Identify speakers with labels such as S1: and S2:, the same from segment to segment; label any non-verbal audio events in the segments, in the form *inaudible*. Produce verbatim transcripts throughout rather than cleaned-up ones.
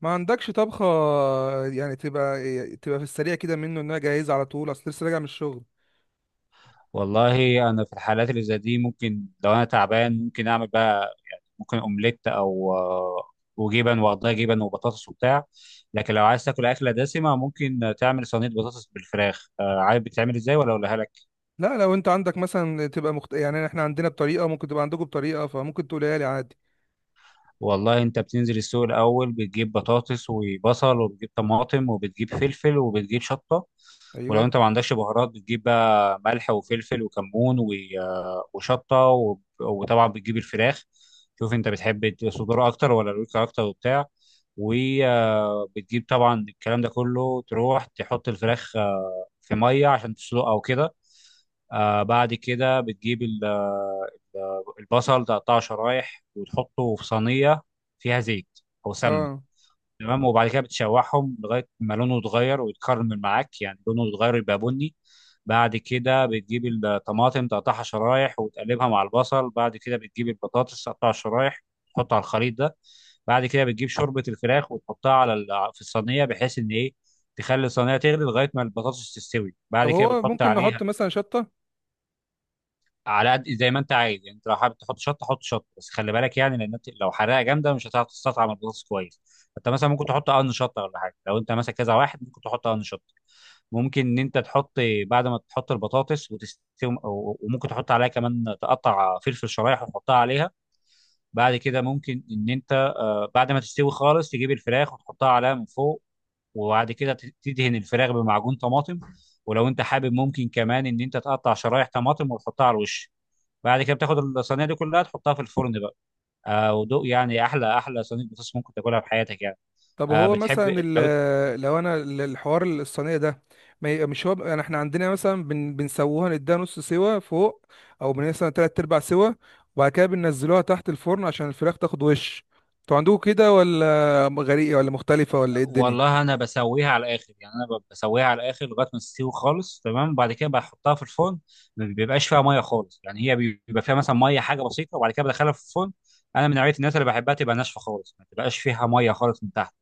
S1: ما عندكش طبخة؟ يعني تبقى تبقى في السريع كده منه انها جاهزة على طول، اصل لسه راجع من الشغل.
S2: والله انا في الحالات اللي زي دي ممكن لو انا تعبان ممكن اعمل بقى يعني ممكن اومليت او آه، وجبن واقضيها جبن وبطاطس وبتاع. لكن لو عايز تاكل اكله دسمه ممكن تعمل صينيه بطاطس بالفراخ. آه، عارف بتتعمل ازاي ولا اقولها لك؟
S1: لا، لو انت عندك مثلا تبقى مخت... يعني احنا عندنا بطريقة، ممكن تبقى عندكم بطريقة، فممكن تقولها لي عادي.
S2: والله انت بتنزل السوق الاول، بتجيب بطاطس وبصل وبتجيب طماطم وبتجيب فلفل وبتجيب شطه. ولو
S1: ايوه.
S2: انت ما عندكش بهارات بتجيب بقى ملح وفلفل وكمون و- آه، وشطه وب- وطبعا بتجيب الفراخ. شوف انت بتحب الت- صدور اكتر ولا الورك اكتر وبتاع. وبتجيب طبعا الكلام ده كله، تروح تحط الفراخ في ميه عشان تسلقها وكده. آه بعد كده بتجيب ال- آه، البصل، تقطعه شرايح وتحطه في صينيه فيها زيت او سمنه.
S1: اه.
S2: تمام، وبعد كده بتشوحهم لغايه ما لونه يتغير ويتكرمل معاك، يعني لونه يتغير يبقى بني. بعد كده بتجيب الطماطم تقطعها شرايح وتقلبها مع البصل. بعد كده بتجيب البطاطس تقطعها شرايح تحطها على الخليط ده. بعد كده بتجيب شوربه الفراخ وتحطها على ال- في الصينيه، بحيث ان ايه، تخلي الصينيه تغلي لغايه ما البطاطس تستوي.
S1: طب
S2: بعد كده
S1: هو
S2: بتحط
S1: ممكن
S2: عليها
S1: نحط مثلا شطة؟
S2: على قد زي ما انت عايز. يعني انت لو حابب تحط شطه حط شطه، بس خلي بالك يعني، لان انت لو حراقه جامده مش هتعرف تستطعم البطاطس كويس. انت مثلا ممكن تحط قرن شطه ولا حاجه، لو انت مثلا كذا واحد ممكن تحط قرن شطه. ممكن ان انت تحط بعد ما تحط البطاطس وتستوي. وممكن تحط عليها كمان تقطع فلفل شرايح وتحطها عليها. بعد كده ممكن ان انت، آه، بعد ما تستوي خالص تجيب الفراخ وتحطها عليها من فوق. وبعد كده ت- تدهن الفراخ بمعجون طماطم. ولو انت حابب ممكن كمان ان انت تقطع شرايح طماطم وتحطها على الوش. بعد كده بتاخد الصينيه دي كلها تحطها في الفرن بقى. آه ودوق، يعني احلى احلى صينيه بطاطس ممكن تاكلها في حياتك يعني.
S1: طب
S2: آه
S1: هو
S2: بتحب
S1: مثلا
S2: لو.
S1: ال- لو انا ال- الحوار الصينيه ده، ما ي- مش هو يعني احنا عندنا مثلا بن بنسووها نديها نص سوا فوق، او بن- مثلا تلات ارباع سوا، وبعد كده بننزلوها تحت الفرن عشان الفراخ تاخد وش. انتوا عندكم كده ولا غريبه ولا مختلفه ولا ايه الدنيا؟
S2: والله انا بسويها على الاخر، يعني انا ب- بسويها على الاخر لغايه ما تستوي خالص، تمام، وبعد كده بحطها في الفرن. ما بيبقاش فيها ميه خالص، يعني هي بي- بيبقى فيها مثلا ميه حاجه بسيطه، وبعد كده بدخلها في الفرن. انا من نوعيه الناس اللي بحبها تبقى ناشفه خالص ما تبقاش فيها ميه خالص من تحت،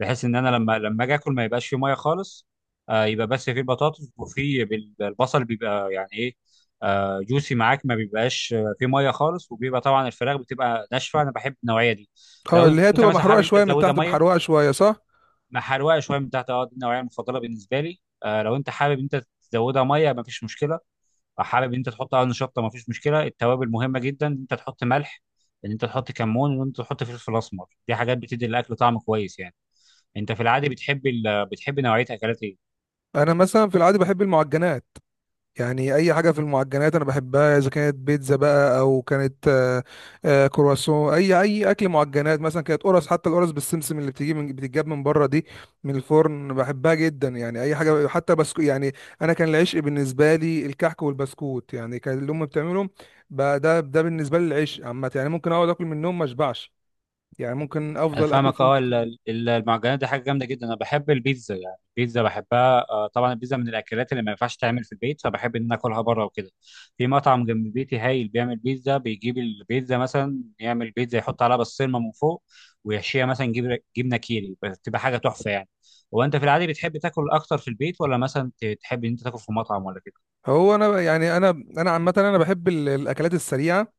S2: بحيث ان انا لما لما اجي اكل ما يبقاش فيه ميه خالص. آه يبقى بس فيه البطاطس وفيه بال- البصل، بيبقى يعني ايه، آه جوسي معاك، ما بيبقاش آه، فيه ميه خالص، وبيبقى طبعا الفراخ بتبقى ناشفه. انا بحب النوعيه دي.
S1: اه،
S2: لو
S1: اللي هي
S2: انت
S1: تبقى
S2: مثلا
S1: محروقه
S2: حابب انت
S1: شويه من
S2: تزودها
S1: تحت،
S2: ميه.
S1: بحروقه شويه، صح.
S2: مع حروقه شويه من تحت، اه دي النوعيه المفضله بالنسبه لي. آه لو انت حابب انت تزودها ميه مفيش مشكله. او حابب انت تحط قرن شطه مفيش مشكله. التوابل مهمه جدا، ان انت تحط ملح، ان انت تحط كمون، ان انت تحط فلفل اسمر. دي حاجات بتدي الاكل طعم كويس يعني. انت في العادي بتحب ال... بتحب نوعيه اكلات ايه؟
S1: انا مثلا في العادي بحب المعجنات، يعني اي حاجه في المعجنات انا بحبها، اذا كانت بيتزا بقى او كانت آه، آه، كرواسون، اي اي اكل معجنات، مثلا كانت قرص، حتى القرص بالسمسم اللي بتيجي من بتتجاب من بره دي، من الفرن، بحبها جدا، يعني اي حاجه حتى بسكو يعني. انا كان العشق بالنسبه لي الكحك والبسكوت، يعني كان اللي امي بتعمله. بقى ده ده بالنسبه لي العشق عامه، يعني ممكن اقعد اكل منهم ما اشبعش، يعني ممكن
S2: انا
S1: افضل اكل
S2: فاهمك
S1: فيهم
S2: اه. ال-
S1: كتير.
S2: ال- المعجنات دي حاجه جامده جدا. انا بحب البيتزا، يعني البيتزا بحبها. آه، طبعا البيتزا من الاكلات اللي ما ينفعش تعمل في البيت، فبحب ان أنا اكلها بره وكده. في مطعم جنب بيتي هايل بيعمل بيتزا، بيجيب البيتزا مثلا يعمل بيتزا يحط عليها بسطرمه من فوق، ويحشيها مثلا جبنه جبنه كيري، بتبقى حاجه تحفه يعني. هو انت في العادي بتحب تاكل اكتر في البيت، ولا مثلا ت- تحب ان انت تاكل في مطعم ولا كده؟
S1: هو انا يعني انا انا عامه انا بحب ال- الاكلات السريعه،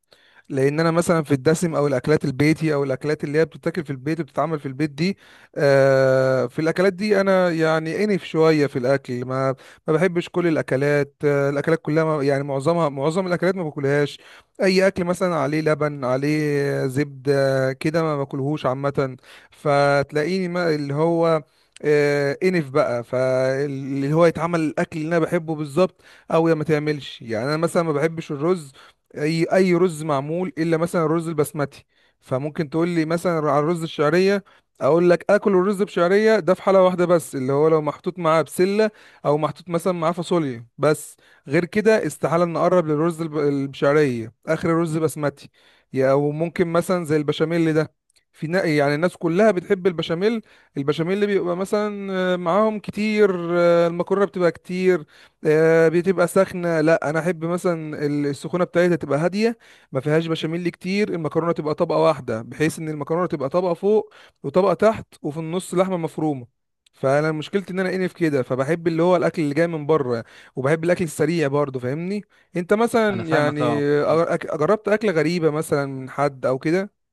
S1: لان انا مثلا في الدسم، او الاكلات البيتي او الاكلات اللي هي بتتاكل في البيت وبتتعمل في البيت دي، آه، في الاكلات دي انا يعني انف شويه في الاكل، ما ما بحبش كل الاكلات، آه، الاكلات كلها ما- يعني معظمها معظم الاكلات ما باكلهاش. اي اكل مثلا عليه لبن، عليه زبده كده، ما باكلهوش عامه. فتلاقيني ما اللي هو آه، انف بقى فاللي هو يتعمل الاكل اللي انا بحبه بالظبط، او يا ما تعملش، يعني انا مثلا ما بحبش الرز. اي اي رز معمول، الا مثلا الرز البسمتي، فممكن تقول لي مثلا على الرز الشعريه. اقول لك اكل الرز بشعريه ده في حاله واحده بس، اللي هو لو محطوط معاه بسله او محطوط مثلا معاه فاصوليا بس. غير كده استحاله نقرب للرز الب- البشعريه، اخر الرز بسمتي. يا- او ممكن مثلا زي البشاميل ده، في نا- يعني الناس كلها بتحب البشاميل. البشاميل اللي بيبقى مثلا آه، معاهم كتير، آه، المكرونه بتبقى كتير، آه، بتبقى سخنة. لا، انا احب مثلا ال- السخونة بتاعتها تبقى هادية، ما فيهاش بشاميل كتير، المكرونة تبقى طبقة واحدة، بحيث ان المكرونة تبقى طبقة فوق وطبقة تحت، وفي النص لحمة مفرومة. فانا مشكلتي ان انا انف كده، فبحب اللي هو الاكل اللي جاي من بره، وبحب الاكل السريع برضه، فاهمني؟ انت
S2: انا
S1: مثلا يعني
S2: فاهمك اه.
S1: أ- أك- جربت اكلة غريبة مثلا من حد او كده؟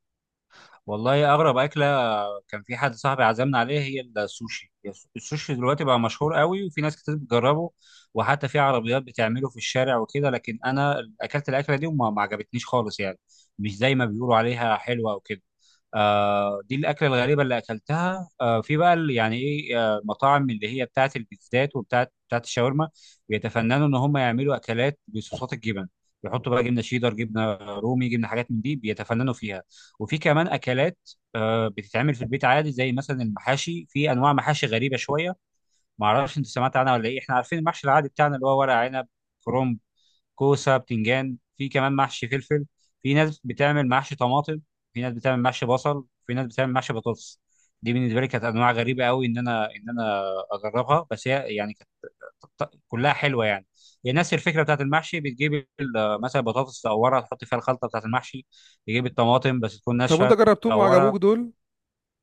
S2: والله اغرب اكله كان في حد صاحبي عزمنا عليها هي السوشي. السوشي دلوقتي بقى مشهور قوي، وفي ناس كتير بتجربه، وحتى في عربيات بتعمله في الشارع وكده. لكن انا اكلت الاكله دي وما ما عجبتنيش خالص يعني، مش زي ما بيقولوا عليها حلوه وكده. آه دي الاكله الغريبه اللي اكلتها. آه في بقى ال- يعني ايه آه مطاعم اللي هي بتاعه البيتزات وبتاعه بتاعه الشاورما، بيتفننوا ان هم يعملوا اكلات بصوصات الجبن، يحطوا بقى جبنه شيدر جبنه رومي جبنه حاجات من دي، بيتفننوا فيها. وفي كمان اكلات آه، بتتعمل في البيت عادي زي مثلا المحاشي. في انواع محاشي غريبه شويه، ما اعرفش انت سمعت عنها ولا ايه. احنا عارفين المحشي العادي بتاعنا اللي هو ورق عنب، كرنب، كوسه، بتنجان. في كمان محشي فلفل، في ناس بتعمل محشي طماطم، في ناس بتعمل محشي بصل، في ناس بتعمل محشي بطاطس. دي بالنسبه لي كانت انواع غريبه قوي ان انا ان انا اجربها، بس هي يعني كانت ط- كلها حلوه يعني. هي نفس الفكره بتاعت المحشي، بتجيب ال- مثلا بطاطس تقورها تحط فيها الخلطه بتاعت المحشي، تجيب الطماطم بس تكون
S1: طب وانت
S2: ناشفه
S1: جربتهم
S2: تقورها.
S1: وعجبوك دول؟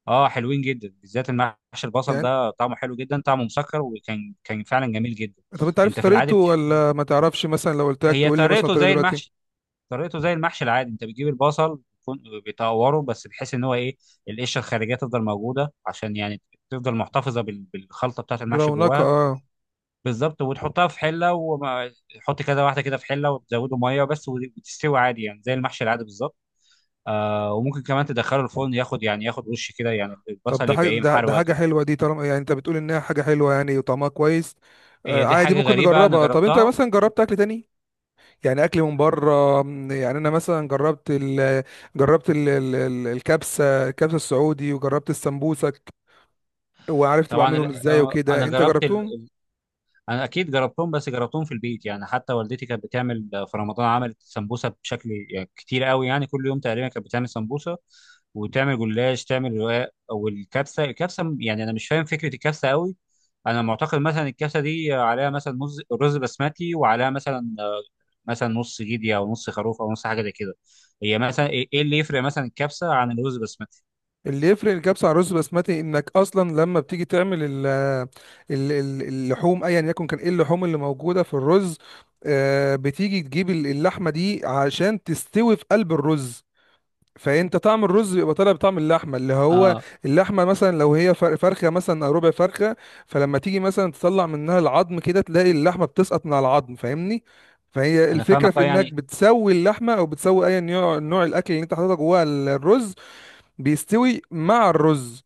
S2: اه حلوين جدا، بالذات المحشي البصل
S1: يعني
S2: ده، طعمه حلو جدا، طعمه مسكر، وكان كان فعلا جميل جدا.
S1: طب انت
S2: انت
S1: عرفت
S2: في العادي
S1: طريقته
S2: بتح-
S1: ولا ما تعرفش؟ مثلا لو قلت لك
S2: هي
S1: تقول لي مثلا
S2: طريقته
S1: طريقه
S2: زي
S1: دلوقتي؟
S2: المحشي. طريقته زي المحشي العادي، انت بتجيب البصل بيكون- بيطوره بس، بحيث ان هو ايه، القشره الخارجيه تفضل موجوده عشان يعني تفضل محتفظه بال- بالخلطه بتاعه المحشي
S1: برونقة،
S2: جواها.
S1: اه.
S2: بالظبط، وتحطها في حله، وحط كده واحده كده في حله وتزوده ميه بس وتستوي عادي، يعني زي المحشي العادي بالظبط. آه وممكن كمان تدخله الفرن ياخد، يعني ياخد وش كده، يعني
S1: طب
S2: البصل
S1: ده
S2: يبقى
S1: حاجة،
S2: ايه
S1: ده, ده
S2: محروق
S1: حاجة
S2: كده.
S1: حلوة دي، طالما يعني انت بتقول انها حاجة حلوة يعني وطعمها كويس. آه
S2: هي دي
S1: عادي،
S2: حاجه
S1: ممكن
S2: غريبه انا
S1: نجربها. طب انت
S2: جربتها.
S1: مثلا جربت اكل تاني، يعني اكل من بره، م، يعني انا مثلا جربت ال جربت ال ال ال- الكبسة الكبسة السعودي، وجربت السمبوسك، وعرفت
S2: طبعا
S1: بعملهم
S2: ال-
S1: ازاي
S2: آه،
S1: وكده.
S2: انا
S1: انت
S2: جربت
S1: جربتهم؟
S2: انا اكيد جربتهم، بس جربتهم في البيت يعني. حتى والدتي كانت بتعمل في رمضان، عملت سمبوسه بشكل يعني كتير قوي، يعني كل يوم تقريبا كانت بتعمل سمبوسه وتعمل جلاش تعمل رقاق. والكبسه، الكبسه يعني انا مش فاهم فكره الكبسه قوي. انا معتقد مثلا الكبسه دي عليها مثلا مز- رز بسمتي، وعليها مثلا آه، مثلا نص جدي او نص خروف او نص حاجه زي كده. هي مثلا ايه إيه اللي يفرق مثلا الكبسه عن الرز بسمتي؟
S1: اللي يفرق الكبسة عن الرز بسمتي انك اصلا لما بتيجي تعمل ال ال ال- اللحوم، ايا يكن كان ايه اللحوم اللي موجودة في الرز، آه، بتيجي تجيب ال- اللحمة دي عشان تستوي في قلب الرز. فانت طعم الرز بيبقى طالع بطعم اللحمه اللي هو
S2: اه
S1: اللحمه مثلا لو هي فر- فرخه، مثلا او ربع فرخه. فلما تيجي مثلا تطلع منها العظم كده، تلاقي اللحمه بتسقط من على العظم، فاهمني؟ فهي
S2: انا
S1: الفكره
S2: فاهمك
S1: في
S2: اه
S1: انك
S2: يعني.
S1: بتسوي اللحمه او بتسوي اي نوع نوع الاكل اللي انت حاططها جوه ال- الرز، بيستوي مع الرز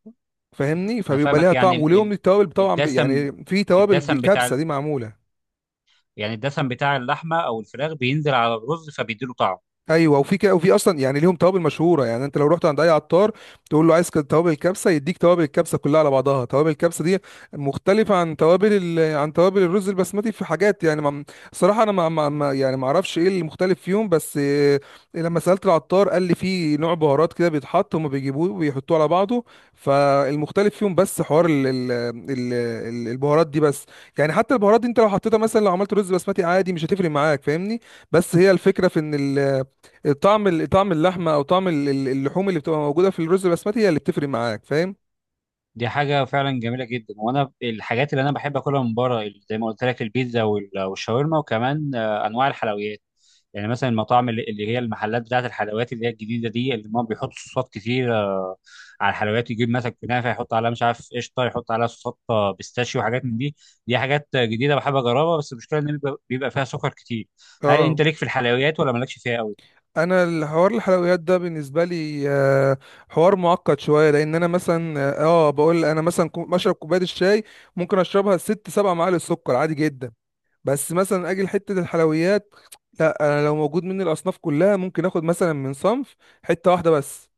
S1: فاهمني.
S2: انا
S1: فبيبقى
S2: فاهمك
S1: ليها
S2: يعني،
S1: طعم
S2: ال-
S1: وليهم
S2: ال-
S1: التوابل طبعا، ب-
S2: الدسم،
S1: يعني في توابل
S2: الدسم
S1: بالكبسه
S2: بتاع،
S1: دي معموله.
S2: يعني الدسم بتاع اللحمه او الفراخ بينزل على الرز فبيديله طعم.
S1: ايوه، وفي كده، وفي اصلا يعني ليهم توابل مشهوره، يعني انت لو رحت عند اي عطار تقول له عايز كده توابل الكبسه، يديك توابل الكبسه كلها على بعضها. توابل الكبسه دي مختلفه عن توابل ال... عن توابل الرز البسمتي في حاجات، يعني ما... صراحه انا ما... ما... ما يعني ما اعرفش ايه المختلف فيهم، بس آه، لما سالت العطار قال لي في نوع بهارات كده بيتحط، هم بيجيبوه وبيحطوه على بعضه. فالمختلف فيهم بس حوار ال... ال... ال... ال- البهارات دي بس. يعني حتى البهارات دي انت لو حطيتها، مثلا لو عملت رز بسمتي عادي، مش هتفرق معاك، فاهمني؟ بس هي الفكره في ان ال... طعم طعم اللحمه او طعم ال- ال- اللحوم اللي بتبقى موجوده في الرز البسمتي هي اللي بتفرق معاك، فاهم؟
S2: دي حاجه فعلا جميله جدا. وانا الحاجات اللي انا بحب اكلها من بره زي ما قلت لك البيتزا وال- والشاورما، وكمان آه، انواع الحلويات. يعني مثلا المطاعم اللي اللي هي المحلات بتاعت الحلويات اللي هي الجديده دي، اللي هم بيحطوا صوصات كتير آه، على الحلويات، يجيب مثلا كنافه يحط عليها مش عارف قشطه، يحط عليها صوصات آه، بيستاشيو وحاجات من دي. دي حاجات آه، جديده بحب اجربها، بس المشكله ان بيبقى بيبقى فيها سكر كتير. هل
S1: اه.
S2: انت ليك في الحلويات ولا مالكش فيها قوي؟
S1: انا الحوار الحلويات ده بالنسبه لي آه، حوار معقد شويه، لان انا مثلا اه آه، بقول انا مثلا كو- بشرب كوبايه الشاي ممكن اشربها ست سبع معالق سكر عادي جدا. بس مثلا اجي لحته الحلويات، لا، انا لو موجود مني الاصناف كلها ممكن اخد مثلا من صنف حته واحده بس،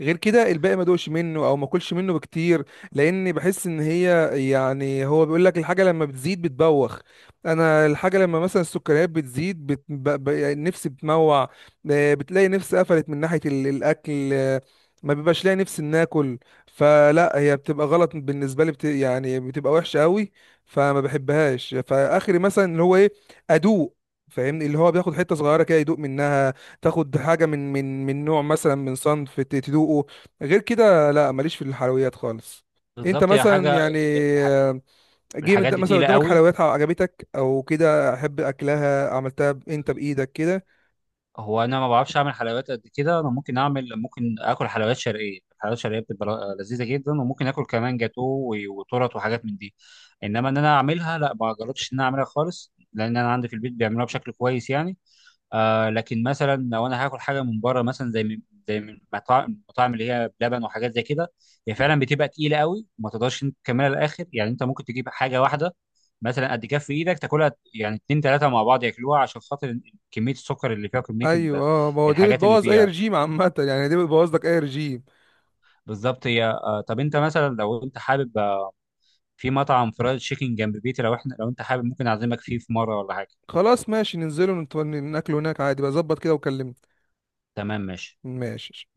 S1: غير كده الباقي ما دوقش منه او ما اكلش منه بكتير. لان بحس ان هي، يعني هو بيقول لك الحاجه لما بتزيد بتبوخ. انا الحاجه لما مثلا السكريات بتزيد، بت... ب... ب... نفسي بتموع، آه، بتلاقي نفسي قفلت من ناحيه ال... الاكل، آه، ما بيبقاش لاقي نفسي ان اكل. فلا هي بتبقى غلط بالنسبه لي، بت... يعني بتبقى وحشه قوي، فما بحبهاش. فاخري مثلا اللي هو ايه؟ ادوق، فاهمني؟ اللي هو بياخد حته صغيره كده يدوق منها، تاخد حاجه من من من نوع، مثلا من صنف ت- تدوقه، غير كده لا، ماليش في الحلويات خالص. انت
S2: بالظبط هي
S1: مثلا
S2: حاجه،
S1: يعني، آه، جه
S2: الحاجات
S1: مد-
S2: دي
S1: مثلا
S2: تقيله
S1: قدامك
S2: قوي.
S1: حلويات عجبتك او كده احب اكلها عملتها ب- انت بايدك كده؟
S2: هو انا ما بعرفش اعمل حلويات قد كده. انا ممكن اعمل، ممكن اكل حلويات شرقيه، الحلويات الشرقيه بتبقى ل- لذيذه جدا، وممكن اكل كمان جاتو و- وتورت وحاجات من دي. انما ان انا اعملها لا، ما جربتش ان انا اعملها خالص، لان انا عندي في البيت بيعملوها بشكل كويس يعني. آه لكن مثلا لو انا هاكل حاجه من بره مثلا زي من زي من مطاعم، المطاعم اللي هي بلبن وحاجات زي كده، هي فعلا بتبقى تقيله قوي وما تقدرش انت تكملها للاخر. يعني انت ممكن تجيب حاجه واحده مثلا قد كف ايدك تاكلها، يعني اتنين تلاته مع بعض ياكلوها، عشان خاطر كميه السكر اللي فيها وكميه
S1: ايوه،
S2: ال-
S1: اه، ما هو دي
S2: الحاجات اللي
S1: بتبوظ اي
S2: فيها.
S1: رجيم عامه *laughs* يعني دي بتبوظ لك اي رجيم.
S2: بالظبط هي آه. طب انت مثلا لو انت حابب، آه، في مطعم فرايد تشيكن جنب بيتي، لو احنا لو انت حابب ممكن اعزمك فيه في مره ولا حاجه.
S1: خلاص ماشي، ننزله ونت- ناكله هناك عادي بظبط كده، وكلمني.
S2: تمام ماشي.
S1: ماشي.